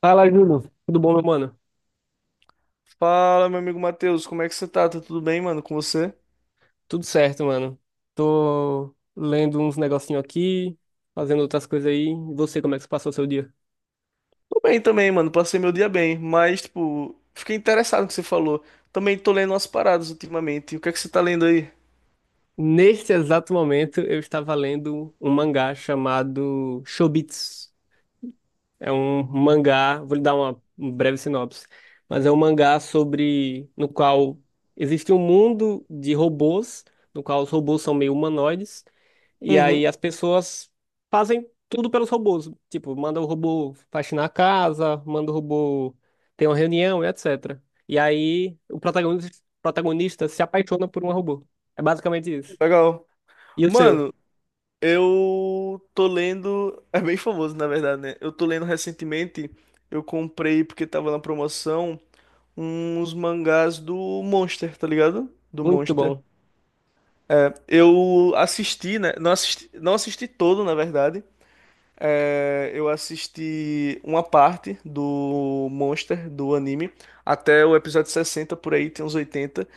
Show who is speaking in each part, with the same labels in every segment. Speaker 1: Fala, Júlio. Tudo bom, meu mano?
Speaker 2: Fala, meu amigo Matheus, como é que você tá? Tá tudo bem, mano, com você?
Speaker 1: Tudo certo, mano. Tô lendo uns negocinho aqui, fazendo outras coisas aí. E você, como é que você passou o seu dia?
Speaker 2: Tô bem também, mano, passei meu dia bem, mas, tipo, fiquei interessado no que você falou. Também tô lendo umas paradas ultimamente. O que é que você tá lendo aí?
Speaker 1: Neste exato momento, eu estava lendo um mangá chamado Chobits. É um mangá, vou lhe dar uma um breve sinopse, mas é um mangá sobre, no qual existe um mundo de robôs, no qual os robôs são meio humanoides. E
Speaker 2: Uhum,
Speaker 1: aí as pessoas fazem tudo pelos robôs. Tipo, manda o robô faxinar a casa, manda o robô ter uma reunião, e etc. E aí o protagonista se apaixona por um robô. É basicamente isso.
Speaker 2: legal.
Speaker 1: E o seu?
Speaker 2: Mano, eu tô lendo. É bem famoso, na verdade, né? Eu tô lendo recentemente, eu comprei, porque tava na promoção, uns mangás do Monster, tá ligado? Do
Speaker 1: Muito
Speaker 2: Monster.
Speaker 1: bom.
Speaker 2: Eu assisti, né? Não assisti, não assisti todo, na verdade. É, eu assisti uma parte do Monster, do anime, até o episódio 60, por aí tem uns 80.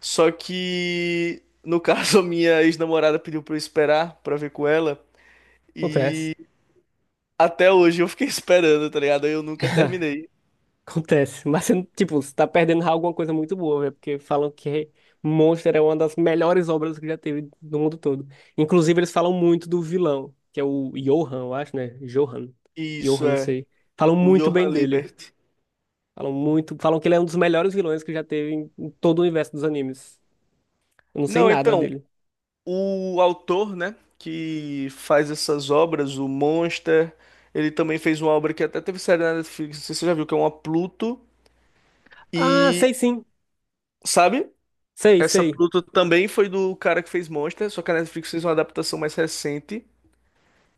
Speaker 2: Só que, no caso, a minha ex-namorada pediu pra eu esperar pra ver com ela.
Speaker 1: Confesso.
Speaker 2: Até hoje eu fiquei esperando, tá ligado? Eu nunca terminei.
Speaker 1: Acontece, mas você, não- tipo, você tá perdendo alguma coisa muito boa, velho, porque falam que Monster é uma das melhores obras que já teve no mundo todo. Inclusive, eles falam muito do vilão, que é o Johan, eu acho, né? Johan. Johan,
Speaker 2: Isso
Speaker 1: não
Speaker 2: é,
Speaker 1: sei. Falam
Speaker 2: o
Speaker 1: muito bem
Speaker 2: Johann
Speaker 1: dele.
Speaker 2: Liebert.
Speaker 1: Falam muito, falam que ele é um dos melhores vilões que já teve em todo o universo dos animes. Eu não sei
Speaker 2: Não,
Speaker 1: nada
Speaker 2: então,
Speaker 1: dele.
Speaker 2: o autor, né, que faz essas obras, o Monster, ele também fez uma obra que até teve série na Netflix, não sei se você já viu, que é uma Pluto.
Speaker 1: Ah,
Speaker 2: E.
Speaker 1: sei sim.
Speaker 2: Sabe?
Speaker 1: Sei,
Speaker 2: Essa
Speaker 1: sei.
Speaker 2: Pluto também foi do cara que fez Monster, só que a Netflix fez uma adaptação mais recente.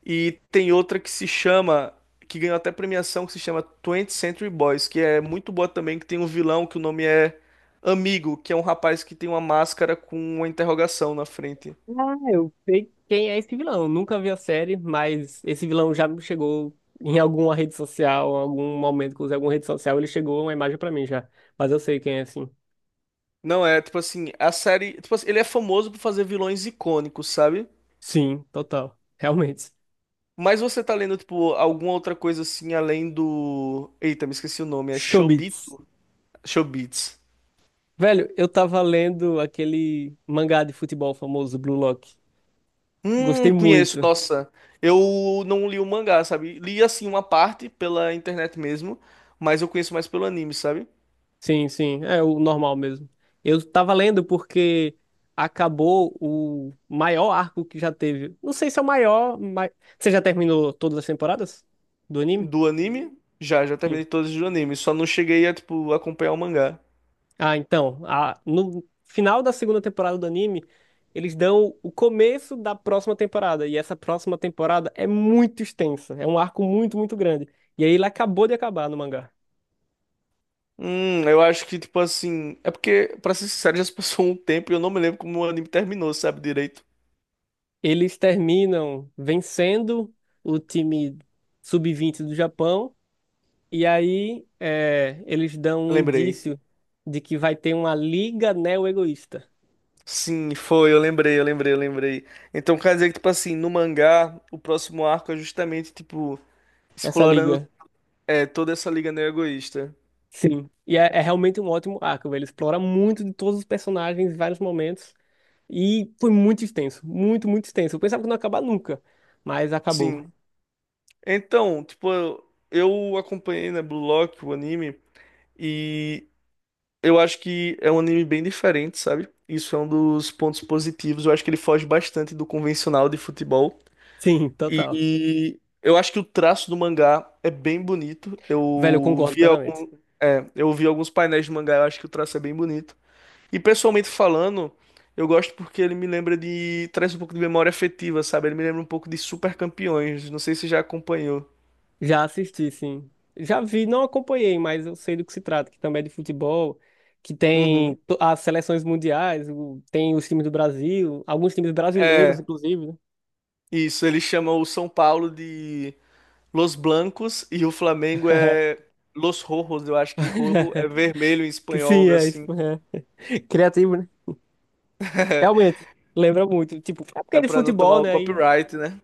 Speaker 2: E tem outra que se chama, que ganhou até premiação, que se chama 20 Century Boys, que é muito boa também, que tem um vilão que o nome é Amigo, que é um rapaz que tem uma máscara com uma interrogação na frente.
Speaker 1: Ah, eu sei quem é esse vilão. Eu nunca vi a série, mas esse vilão já me chegou em alguma rede social, em algum momento que eu usei alguma rede social, ele chegou uma imagem pra mim já. Mas eu sei quem é, sim.
Speaker 2: Não é, tipo assim, a série, tipo assim, ele é famoso por fazer vilões icônicos, sabe?
Speaker 1: Sim, total. Realmente.
Speaker 2: Mas você tá lendo, tipo, alguma outra coisa assim, além do... Eita, me esqueci o nome, é
Speaker 1: Chobits.
Speaker 2: Chobito? Chobits.
Speaker 1: Velho, eu tava lendo aquele mangá de futebol famoso, Blue Lock. Gostei
Speaker 2: Conheço,
Speaker 1: muito.
Speaker 2: nossa. Eu não li o mangá, sabe? Li assim uma parte pela internet mesmo, mas eu conheço mais pelo anime, sabe?
Speaker 1: Sim, sim, é o normal mesmo. Eu tava lendo porque acabou o maior arco que já teve. Não sei se é o maior, mas você já terminou todas as temporadas do anime?
Speaker 2: Do anime, já, já
Speaker 1: Sim.
Speaker 2: terminei todos os animes, só não cheguei a, tipo, acompanhar o mangá.
Speaker 1: No final da segunda temporada do anime, eles dão o começo da próxima temporada, e essa próxima temporada é muito extensa, é um arco muito, muito grande. E aí ele acabou de acabar no mangá.
Speaker 2: Eu acho que, tipo assim. É porque, pra ser sincero, já se passou um tempo e eu não me lembro como o anime terminou, sabe? Direito.
Speaker 1: Eles terminam vencendo o time sub 20 do Japão. E aí é, eles dão um
Speaker 2: Lembrei.
Speaker 1: indício de que vai ter uma liga neo-egoísta.
Speaker 2: Sim, foi, eu lembrei, eu lembrei, eu lembrei. Então quer dizer que, tipo assim, no mangá, o próximo arco é justamente, tipo,
Speaker 1: Essa
Speaker 2: explorando
Speaker 1: liga,
Speaker 2: é, toda essa liga neo-egoísta.
Speaker 1: sim. E é, é realmente um ótimo arco, velho. Ele explora muito de todos os personagens em vários momentos. E foi muito extenso, muito, muito extenso. Eu pensava que não ia acabar nunca, mas acabou.
Speaker 2: Sim. Então, tipo, eu acompanhei, né, Blue Lock, o anime, e eu acho que é um anime bem diferente, sabe? Isso é um dos pontos positivos. Eu acho que ele foge bastante do convencional de futebol.
Speaker 1: Sim, total.
Speaker 2: E eu acho que o traço do mangá é bem bonito.
Speaker 1: Velho, eu
Speaker 2: Eu
Speaker 1: concordo
Speaker 2: vi,
Speaker 1: plenamente.
Speaker 2: algum, é, eu vi alguns painéis de mangá, eu acho que o traço é bem bonito. E pessoalmente falando, eu gosto porque ele me lembra de. Traz um pouco de memória afetiva, sabe? Ele me lembra um pouco de Super Campeões. Não sei se você já acompanhou.
Speaker 1: Já assisti, sim. Já vi, não acompanhei, mas eu sei do que se trata, que também é de futebol, que tem
Speaker 2: Uhum.
Speaker 1: to- as seleções mundiais, tem os times do Brasil, alguns times brasileiros,
Speaker 2: É.
Speaker 1: inclusive, né?
Speaker 2: Isso, ele chama o São Paulo de Los Blancos e o Flamengo é Los Rojos. Eu acho que rojo é vermelho em
Speaker 1: Que
Speaker 2: espanhol,
Speaker 1: sim,
Speaker 2: algo
Speaker 1: é isso.
Speaker 2: assim.
Speaker 1: é. Criativo, né? Realmente, lembra muito. Tipo, é porque
Speaker 2: É
Speaker 1: é de
Speaker 2: pra não
Speaker 1: futebol,
Speaker 2: tomar o
Speaker 1: né?
Speaker 2: copyright, né?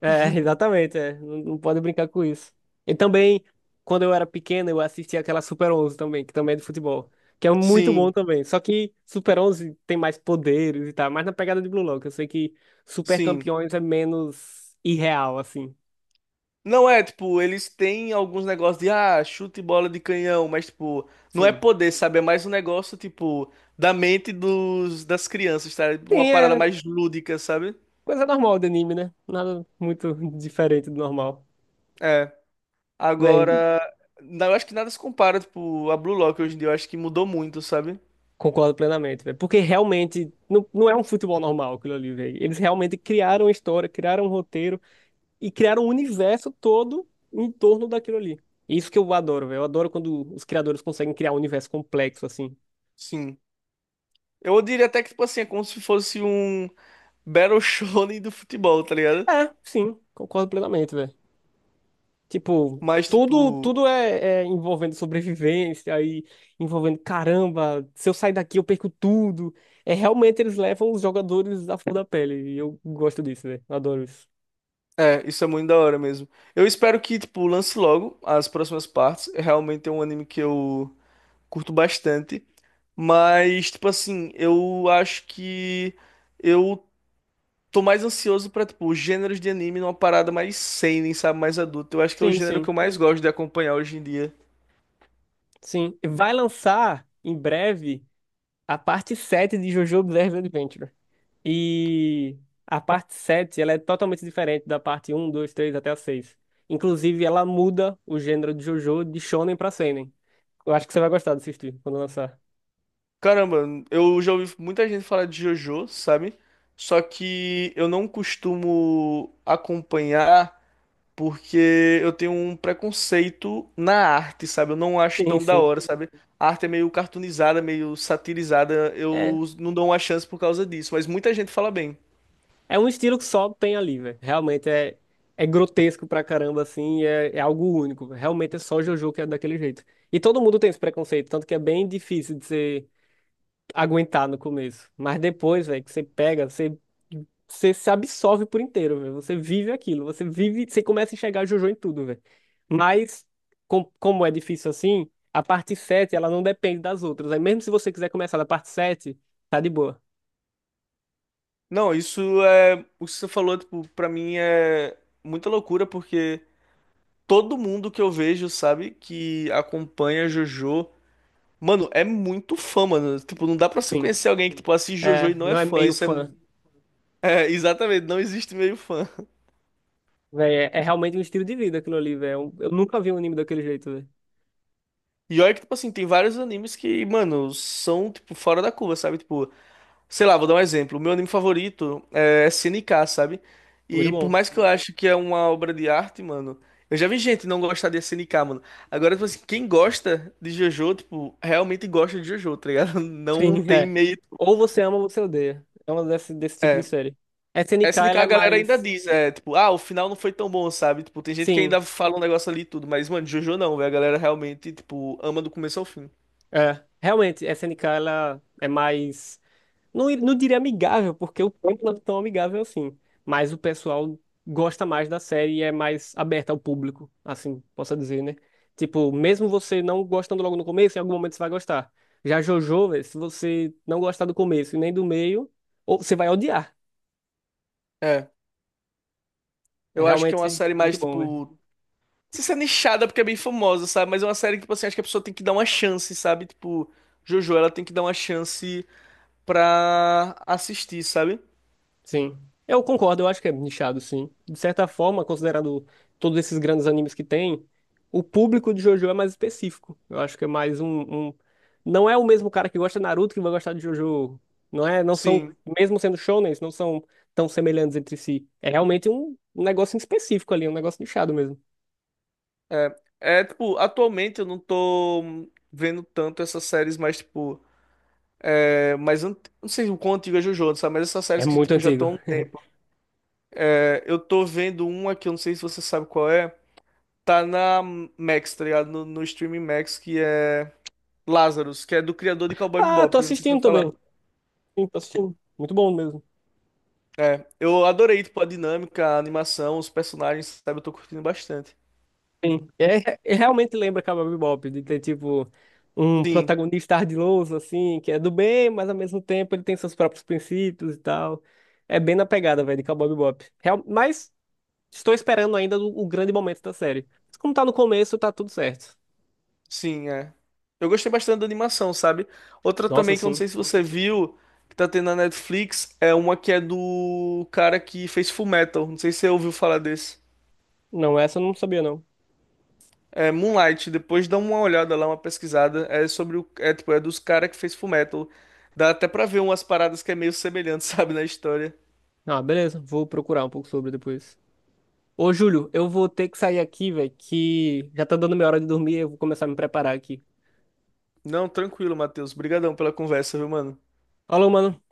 Speaker 1: É, exatamente, é. Não, não pode brincar com isso. E também, quando eu era pequeno, eu assistia aquela Super 11 também, que também é de futebol, que é muito bom
Speaker 2: Sim,
Speaker 1: também. Só que Super 11 tem mais poderes e tal, mais na pegada de Blue Lock. Eu sei que Super
Speaker 2: sim.
Speaker 1: Campeões é menos irreal, assim.
Speaker 2: Não é, tipo, eles têm alguns negócios de, ah, chute e bola de canhão, mas, tipo, não é
Speaker 1: Sim.
Speaker 2: poder, sabe? É mais um negócio, tipo, da mente dos, das crianças, tá?
Speaker 1: Sim,
Speaker 2: Uma parada
Speaker 1: é
Speaker 2: mais lúdica, sabe?
Speaker 1: coisa normal de anime, né? Nada muito diferente do normal.
Speaker 2: É.
Speaker 1: Véi,
Speaker 2: Agora, não, eu acho que nada se compara, tipo, a Blue Lock hoje em dia. Eu acho que mudou muito, sabe?
Speaker 1: concordo plenamente, velho. Porque realmente não, não é um futebol normal aquilo ali, velho. Eles realmente criaram a história, criaram um roteiro e criaram um universo todo em torno daquilo ali. Isso que eu adoro, velho. Eu adoro quando os criadores conseguem criar um universo complexo, assim.
Speaker 2: Sim. Eu diria até que, tipo assim, é como se fosse um Battle Shonen do futebol, tá ligado?
Speaker 1: É, sim, concordo plenamente, velho. Tipo,
Speaker 2: Mas,
Speaker 1: tudo,
Speaker 2: tipo,
Speaker 1: tudo é envolvendo sobrevivência, aí envolvendo, caramba, se eu sair daqui eu perco tudo. É, realmente eles levam os jogadores à flor da pele. E eu gosto disso, velho. Adoro isso.
Speaker 2: é, isso é muito da hora mesmo. Eu espero que, tipo, lance logo as próximas partes. Realmente é um anime que eu curto bastante. Mas, tipo assim, eu acho que eu tô mais ansioso pra, tipo, gêneros de anime numa parada mais seinen, sabe? Mais adulta. Eu acho que é o
Speaker 1: Sim,
Speaker 2: gênero que
Speaker 1: sim,
Speaker 2: eu mais gosto de acompanhar hoje em dia.
Speaker 1: sim. Vai lançar em breve a parte 7 de JoJo Bizarre Adventure. E a parte 7 ela é totalmente diferente da parte 1, 2, 3 até a 6. Inclusive, ela muda o gênero de JoJo de shonen pra seinen. Eu acho que você vai gostar de assistir quando lançar.
Speaker 2: Caramba, eu já ouvi muita gente falar de JoJo, sabe? Só que eu não costumo acompanhar porque eu tenho um preconceito na arte, sabe? Eu não acho
Speaker 1: Sim,
Speaker 2: tão da
Speaker 1: sim.
Speaker 2: hora, sabe? A arte é meio cartoonizada, meio satirizada,
Speaker 1: É,
Speaker 2: eu não dou uma chance por causa disso, mas muita gente fala bem.
Speaker 1: é um estilo que só tem ali, velho. Realmente é, é grotesco pra caramba, assim, e é algo único. Realmente é só JoJo que é daquele jeito. E todo mundo tem esse preconceito, tanto que é bem difícil de ser aguentar no começo. Mas depois, velho, que você pega, você, você se absorve por inteiro, velho. Você vive aquilo, você vive, você começa a enxergar Jojo em tudo, velho. Mas, como é difícil assim, a parte 7, ela não depende das outras. Aí mesmo se você quiser começar da parte 7, tá de boa.
Speaker 2: Não, isso é. O que você falou, tipo, pra mim é muita loucura porque todo mundo que eu vejo, sabe, que acompanha JoJo. Mano, é muito fã, mano. Tipo, não dá pra você
Speaker 1: Sim.
Speaker 2: conhecer alguém que, tipo, assiste JoJo e
Speaker 1: É,
Speaker 2: não
Speaker 1: não
Speaker 2: é
Speaker 1: é
Speaker 2: fã.
Speaker 1: meio
Speaker 2: Isso é.
Speaker 1: fã,
Speaker 2: É, exatamente, não existe meio fã.
Speaker 1: velho. É, é realmente um estilo de vida aquilo ali, velho. Eu nunca vi um anime daquele jeito, velho.
Speaker 2: E olha que, tipo assim, tem vários animes que, mano, são, tipo, fora da curva, sabe? Tipo, sei lá, vou dar um exemplo. O meu anime favorito é SNK, sabe?
Speaker 1: Muito
Speaker 2: E por
Speaker 1: bom.
Speaker 2: mais que eu acho que é uma obra de arte, mano, eu já vi gente não gostar de SNK, mano. Agora, tipo assim, quem gosta de JoJo, tipo, realmente gosta de JoJo, tá ligado? Não
Speaker 1: Sim,
Speaker 2: tem
Speaker 1: é.
Speaker 2: meio.
Speaker 1: Ou você ama ou você odeia. É uma desse tipo de
Speaker 2: É,
Speaker 1: série. S N K,
Speaker 2: SNK
Speaker 1: ela é
Speaker 2: a galera ainda
Speaker 1: mais.
Speaker 2: diz, é, tipo, ah, o final não foi tão bom, sabe? Tipo, tem gente que
Speaker 1: Sim,
Speaker 2: ainda fala um negócio ali e tudo, mas, mano, JoJo não, velho. A galera realmente, tipo, ama do começo ao fim.
Speaker 1: é, realmente, SNK ela é mais. Não, não diria amigável, porque o campo não é tão amigável assim. Mas o pessoal gosta mais da série e é mais aberta ao público, assim, posso dizer, né? Tipo, mesmo você não gostando logo no começo, em algum momento você vai gostar. Já JoJo, véi, se você não gostar do começo e nem do meio, ou você vai odiar.
Speaker 2: É,
Speaker 1: É
Speaker 2: eu acho que é uma
Speaker 1: realmente
Speaker 2: série
Speaker 1: muito
Speaker 2: mais,
Speaker 1: bom, velho.
Speaker 2: tipo, não sei se é nichada porque é bem famosa, sabe? Mas é uma série que, tipo assim, acho que a pessoa tem que dar uma chance, sabe? Tipo, JoJo, ela tem que dar uma chance pra assistir, sabe?
Speaker 1: Sim. Eu concordo, eu acho que é nichado, sim. De certa forma, considerando todos esses grandes animes que tem, o público de JoJo é mais específico. Eu acho que é mais um- não é o mesmo cara que gosta de Naruto que vai gostar de JoJo. Não é? Não são,
Speaker 2: Sim.
Speaker 1: mesmo sendo shonens, não são tão semelhantes entre si. É realmente um negócio em específico ali, um negócio nichado mesmo.
Speaker 2: É, tipo, atualmente eu não tô vendo tanto essas séries mais, tipo, é, mais, ant- não sei o quão antiga é JoJo, sabe? Mas essas
Speaker 1: É
Speaker 2: séries que,
Speaker 1: muito
Speaker 2: tipo, já
Speaker 1: antigo.
Speaker 2: estão Eu tô vendo uma que eu não sei se você sabe qual é. Tá na Max, tá ligado? No streaming Max, que é Lazarus, que é do criador de Cowboy
Speaker 1: Ah, tô
Speaker 2: Bebop. Eu não sei se você
Speaker 1: assistindo
Speaker 2: vai
Speaker 1: também.
Speaker 2: falar.
Speaker 1: Sim, tô assistindo. Muito bom mesmo.
Speaker 2: Eu adorei, tipo, a dinâmica, a animação, os personagens, sabe? Eu tô curtindo bastante.
Speaker 1: Sim. É, realmente lembra Cowboy Bebop, de ter, tipo, um
Speaker 2: Sim,
Speaker 1: protagonista ardiloso, assim, que é do bem, mas ao mesmo tempo ele tem seus próprios princípios e tal. É bem na pegada, velho, de Cowboy Bebop. Real, mas estou esperando ainda o grande momento da série. Mas como tá no começo, tá tudo certo.
Speaker 2: sim, é. Eu gostei bastante da animação, sabe? Outra
Speaker 1: Nossa,
Speaker 2: também que eu não
Speaker 1: sim.
Speaker 2: sei se você viu, que tá tendo na Netflix, é uma que é do cara que fez Fullmetal. Não sei se você ouviu falar desse.
Speaker 1: Não, essa eu não sabia, não.
Speaker 2: É, Moonlight, depois dá uma olhada lá, uma pesquisada. É sobre o. É, tipo, é dos caras que fez Fullmetal. Dá até pra ver umas paradas que é meio semelhante, sabe, na história.
Speaker 1: Ah, beleza. Vou procurar um pouco sobre depois. Ô, Júlio, eu vou ter que sair aqui, velho, que já tá dando minha hora de dormir, eu vou começar a me preparar aqui.
Speaker 2: Não, tranquilo, Matheus. Obrigadão pela conversa, viu, mano?
Speaker 1: Alô, mano.